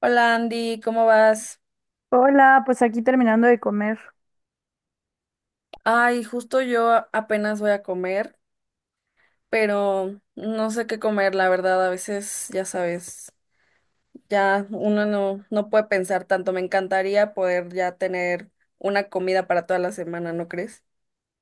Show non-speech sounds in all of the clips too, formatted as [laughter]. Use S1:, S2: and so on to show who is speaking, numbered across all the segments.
S1: Hola Andy, ¿cómo vas?
S2: Hola, pues aquí terminando de comer.
S1: Ay, justo yo apenas voy a comer, pero no sé qué comer, la verdad, a veces, ya sabes, ya uno no puede pensar tanto. Me encantaría poder ya tener una comida para toda la semana, ¿no crees?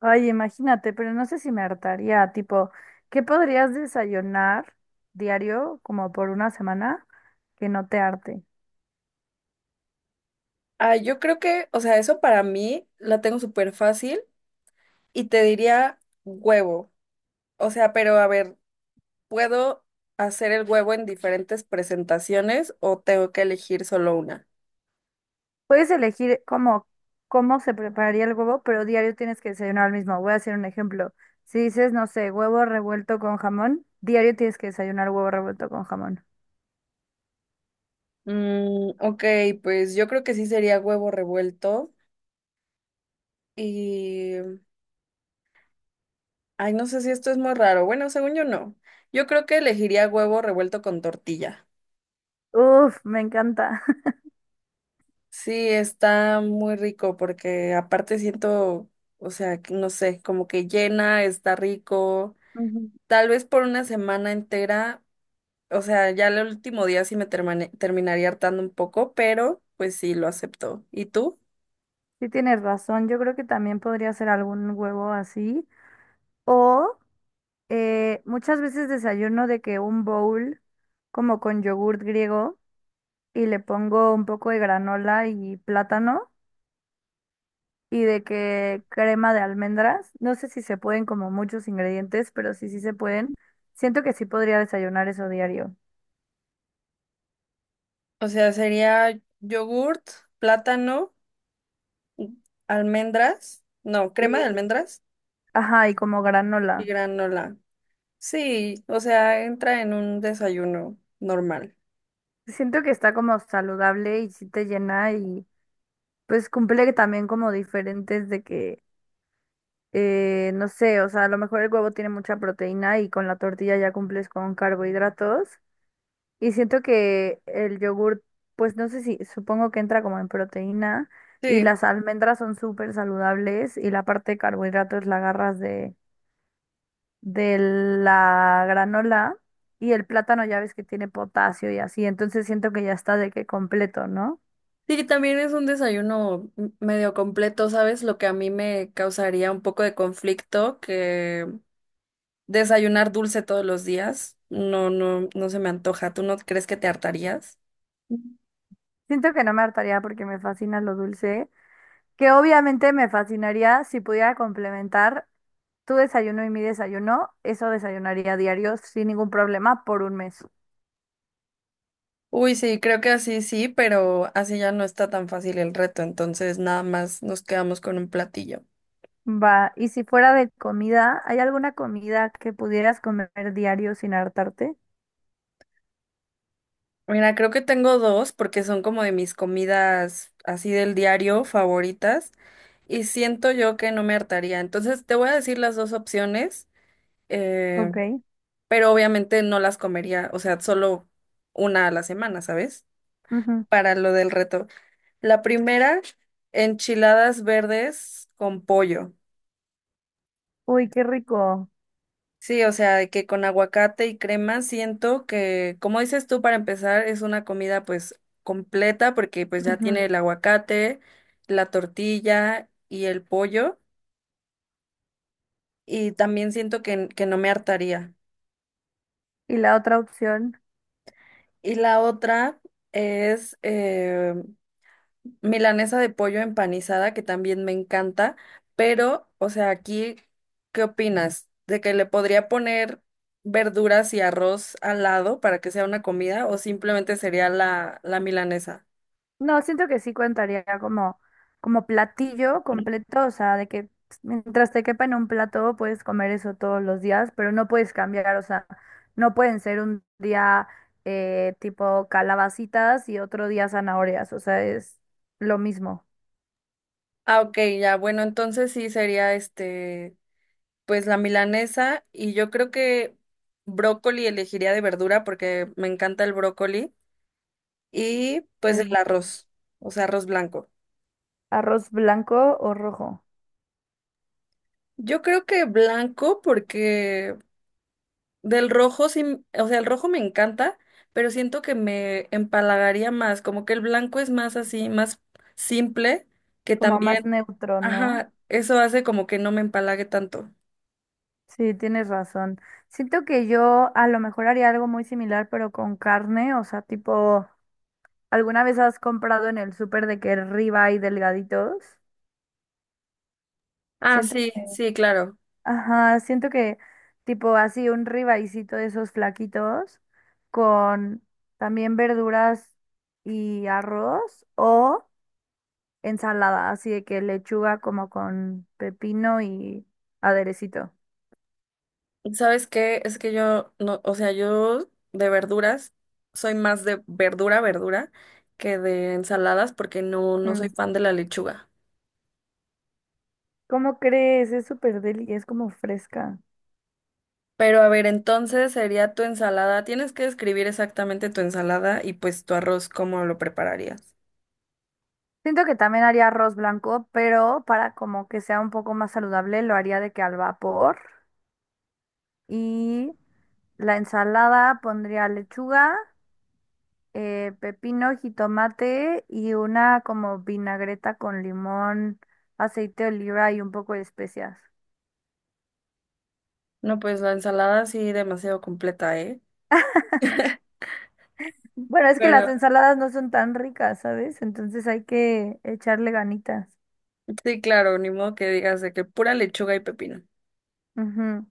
S2: Ay, imagínate, pero no sé si me hartaría, tipo, ¿qué podrías desayunar diario como por una semana que no te harte?
S1: Ay, yo creo que, o sea, eso para mí la tengo súper fácil y te diría huevo. O sea, pero a ver, ¿puedo hacer el huevo en diferentes presentaciones o tengo que elegir solo una?
S2: Puedes elegir como cómo se prepararía el huevo, pero diario tienes que desayunar el mismo. Voy a hacer un ejemplo. Si dices, no sé, huevo revuelto con jamón, diario tienes que desayunar huevo revuelto con jamón.
S1: Mm, ok, pues yo creo que sí sería huevo revuelto y... Ay, no sé si esto es muy raro. Bueno, según yo no. Yo creo que elegiría huevo revuelto con tortilla.
S2: Uf, me encanta. [laughs]
S1: Sí, está muy rico porque aparte siento, o sea, que no sé, como que llena, está rico.
S2: Ujú.
S1: Tal vez por una semana entera, o sea, ya el último día sí me terminaría hartando un poco, pero pues sí, lo acepto. ¿Y tú?
S2: Sí tienes razón, yo creo que también podría ser algún huevo así o muchas veces desayuno de que un bowl como con yogurt griego y le pongo un poco de granola y plátano y de que crema de almendras. No sé si se pueden como muchos ingredientes, pero sí, sí se pueden. Siento que sí podría desayunar eso diario.
S1: O sea, sería yogurt, plátano. Almendras, no, crema de
S2: Y,
S1: almendras
S2: ajá, y como
S1: y
S2: granola.
S1: granola. Sí, o sea, entra en un desayuno normal.
S2: Siento que está como saludable y sí te llena y pues cumple también como diferentes de que no sé, o sea, a lo mejor el huevo tiene mucha proteína y con la tortilla ya cumples con carbohidratos. Y siento que el yogur, pues no sé si, supongo que entra como en proteína y
S1: Sí.
S2: las almendras son súper saludables y la parte de carbohidratos la agarras de la granola y el plátano ya ves que tiene potasio y así, entonces siento que ya está de que completo, ¿no?
S1: Sí, también es un desayuno medio completo, ¿sabes? Lo que a mí me causaría un poco de conflicto, que desayunar dulce todos los días, no, no, no se me antoja. ¿Tú no crees que te hartarías?
S2: Siento que no me hartaría porque me fascina lo dulce, que obviamente me fascinaría si pudiera complementar. Tu desayuno y mi desayuno, eso desayunaría diario sin ningún problema por un mes.
S1: Uy, sí, creo que así sí, pero así ya no está tan fácil el reto, entonces nada más nos quedamos con un platillo.
S2: Va, y si fuera de comida, ¿hay alguna comida que pudieras comer diario sin hartarte?
S1: Mira, creo que tengo dos porque son como de mis comidas así del diario favoritas y siento yo que no me hartaría. Entonces te voy a decir las dos opciones, eh,
S2: Ok.
S1: pero obviamente no las comería, o sea, solo una a la semana, ¿sabes?
S2: Ujú.
S1: Para lo del reto. La primera, enchiladas verdes con pollo.
S2: Uy, qué rico.
S1: Sí, o sea, de que con aguacate y crema siento que, como dices tú, para empezar es una comida pues completa porque pues ya tiene
S2: Ujú.
S1: el aguacate, la tortilla y el pollo y también siento que no me hartaría.
S2: Y la otra opción.
S1: Y la otra es milanesa de pollo empanizada, que también me encanta, pero, o sea, aquí, ¿qué opinas? ¿De que le podría poner verduras y arroz al lado para que sea una comida o simplemente sería la milanesa?
S2: No, siento que sí contaría como platillo completo, o sea, de que mientras te quepa en un plato puedes comer eso todos los días, pero no puedes cambiar, o sea, no pueden ser un día tipo calabacitas y otro día zanahorias, o sea, es lo mismo.
S1: Ah, ok, ya, bueno, entonces sí sería este, pues la milanesa y yo creo que brócoli elegiría de verdura porque me encanta el brócoli y pues
S2: Es
S1: el
S2: de
S1: arroz, o sea, arroz blanco.
S2: arroz blanco o rojo,
S1: Yo creo que blanco porque del rojo sí, o sea, el rojo me encanta, pero siento que me empalagaría más, como que el blanco es más así, más simple, que
S2: como más
S1: también,
S2: neutro, ¿no?
S1: ajá, eso hace como que no me empalague tanto.
S2: Sí, tienes razón. Siento que yo a lo mejor haría algo muy similar, pero con carne, o sea, tipo... ¿Alguna vez has comprado en el súper de que ribeye delgaditos?
S1: Ah,
S2: Siento
S1: sí,
S2: que,
S1: sí, claro.
S2: ajá, siento que tipo así un ribaycito de esos flaquitos con también verduras y arroz o ensalada, así de que lechuga como con pepino y aderecito.
S1: ¿Sabes qué? Es que yo no, o sea, yo de verduras soy más de verdura, verdura que de ensaladas porque no soy
S2: Mm,
S1: fan de la lechuga.
S2: ¿Cómo crees? Es súper deli, es como fresca.
S1: Pero a ver, entonces sería tu ensalada. Tienes que describir exactamente tu ensalada y pues tu arroz, ¿cómo lo prepararías?
S2: Siento que también haría arroz blanco, pero para como que sea un poco más saludable, lo haría de que al vapor. Y la ensalada pondría lechuga, pepino, jitomate y una como vinagreta con limón, aceite de oliva y un poco de especias.
S1: No, pues la ensalada sí demasiado completa, ¿eh?
S2: Bueno, es que las
S1: Pero
S2: ensaladas no son tan ricas, ¿sabes? Entonces hay que echarle ganitas.
S1: sí, claro, ni modo que digas de que pura lechuga y pepino.
S2: Ujú.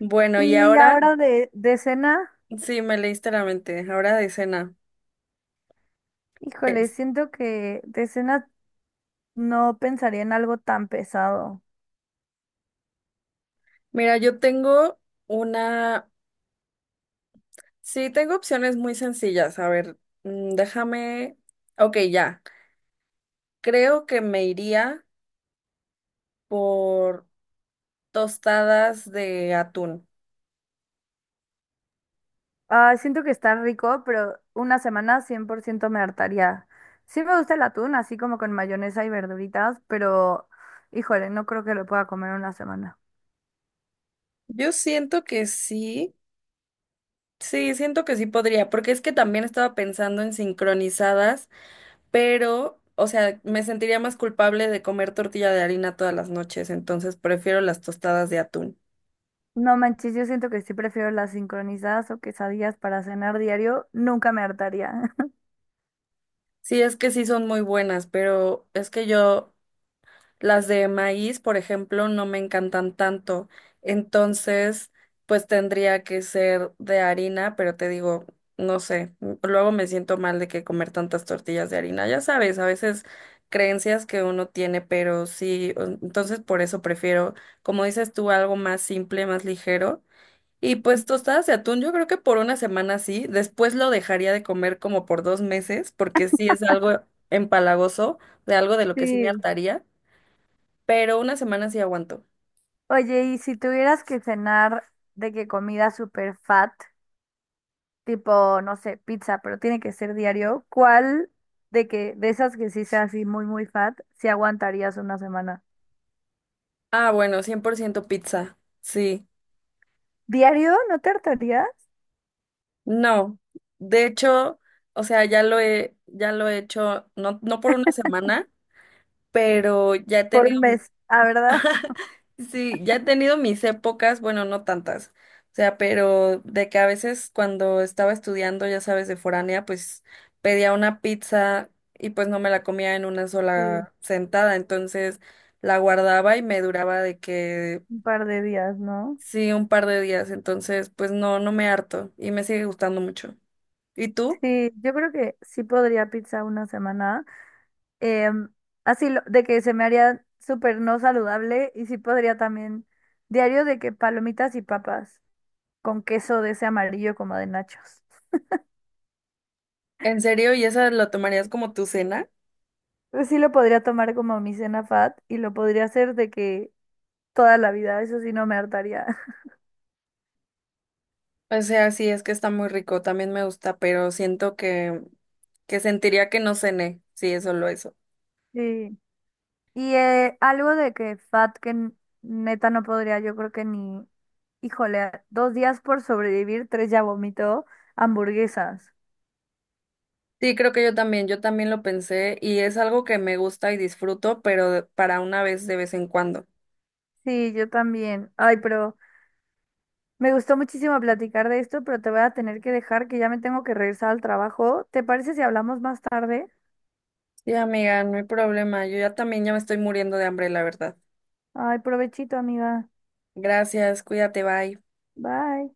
S1: Bueno, y
S2: Y
S1: ahora
S2: ahora de cena,
S1: sí me leíste la mente. Ahora de cena.
S2: híjole,
S1: Es.
S2: siento que de cena no pensaría en algo tan pesado.
S1: Mira, yo tengo una. Sí, tengo opciones muy sencillas. A ver, mm, déjame. Ok, ya. Creo que me iría por tostadas de atún.
S2: Ah, siento que está rico, pero una semana 100% me hartaría. Sí me gusta el atún, así como con mayonesa y verduritas, pero híjole, no creo que lo pueda comer una semana.
S1: Yo siento que sí, sí, siento que sí podría, porque es que también estaba pensando en sincronizadas, pero, o sea, me sentiría más culpable de comer tortilla de harina todas las noches, entonces prefiero las tostadas de atún.
S2: No manches, yo siento que sí prefiero las sincronizadas o quesadillas para cenar diario, nunca me hartaría. [laughs]
S1: Sí, es que sí son muy buenas, pero es que yo las de maíz, por ejemplo, no me encantan tanto. Entonces, pues tendría que ser de harina, pero te digo, no sé, luego me siento mal de que comer tantas tortillas de harina. Ya sabes, a veces creencias que uno tiene, pero sí, entonces por eso prefiero, como dices tú, algo más simple, más ligero. Y pues tostadas de atún, yo creo que por una semana sí, después lo dejaría de comer como por 2 meses, porque sí es algo empalagoso, de algo de lo que sí me
S2: Sí.
S1: hartaría pero una semana sí aguanto.
S2: Oye, y si tuvieras que cenar de que comida super fat, tipo, no sé, pizza, pero tiene que ser diario, ¿cuál de que de esas que sí sea así muy muy fat, si aguantarías una semana?
S1: Ah, bueno, 100% pizza. Sí.
S2: ¿Diario? ¿No te hartarías?
S1: No. De hecho, o sea, ya lo he hecho, no, no por una semana, pero ya he
S2: ¿Por
S1: tenido,
S2: un mes, ah verdad? [laughs]
S1: [laughs] sí, ya he tenido mis épocas, bueno, no tantas. O sea, pero de que a veces cuando estaba estudiando, ya sabes, de foránea, pues pedía una pizza y pues no me la comía en una
S2: Sí,
S1: sola sentada. Entonces la guardaba y me duraba de que
S2: un par de días, ¿no?
S1: sí, un par de días, entonces pues no, no me harto y me sigue gustando mucho. ¿Y tú?
S2: Sí, yo creo que sí podría pizza una semana. Em, así de que se me haría súper no saludable y sí podría también diario de que palomitas y papas con queso de ese amarillo como de nachos.
S1: ¿En serio? ¿Y esa lo tomarías como tu cena?
S2: Pues sí lo podría tomar como mi cena fat y lo podría hacer de que toda la vida, eso sí no me hartaría. [laughs]
S1: O sea, sí, es que está muy rico, también me gusta, pero siento que sentiría que no cené, sí, es solo eso.
S2: Sí. Y algo de que fat que neta no podría, yo creo que ni. Híjole, 2 días por sobrevivir, tres ya vomitó. Hamburguesas.
S1: Sí, creo que yo también lo pensé y es algo que me gusta y disfruto, pero para una vez de vez en cuando.
S2: Sí, yo también. Ay, pero me gustó muchísimo platicar de esto, pero te voy a tener que dejar que ya me tengo que regresar al trabajo. ¿Te parece si hablamos más tarde?
S1: Sí, amiga, no hay problema, yo ya también ya me estoy muriendo de hambre, la verdad.
S2: Ay, provechito, amiga.
S1: Gracias, cuídate, bye.
S2: Bye.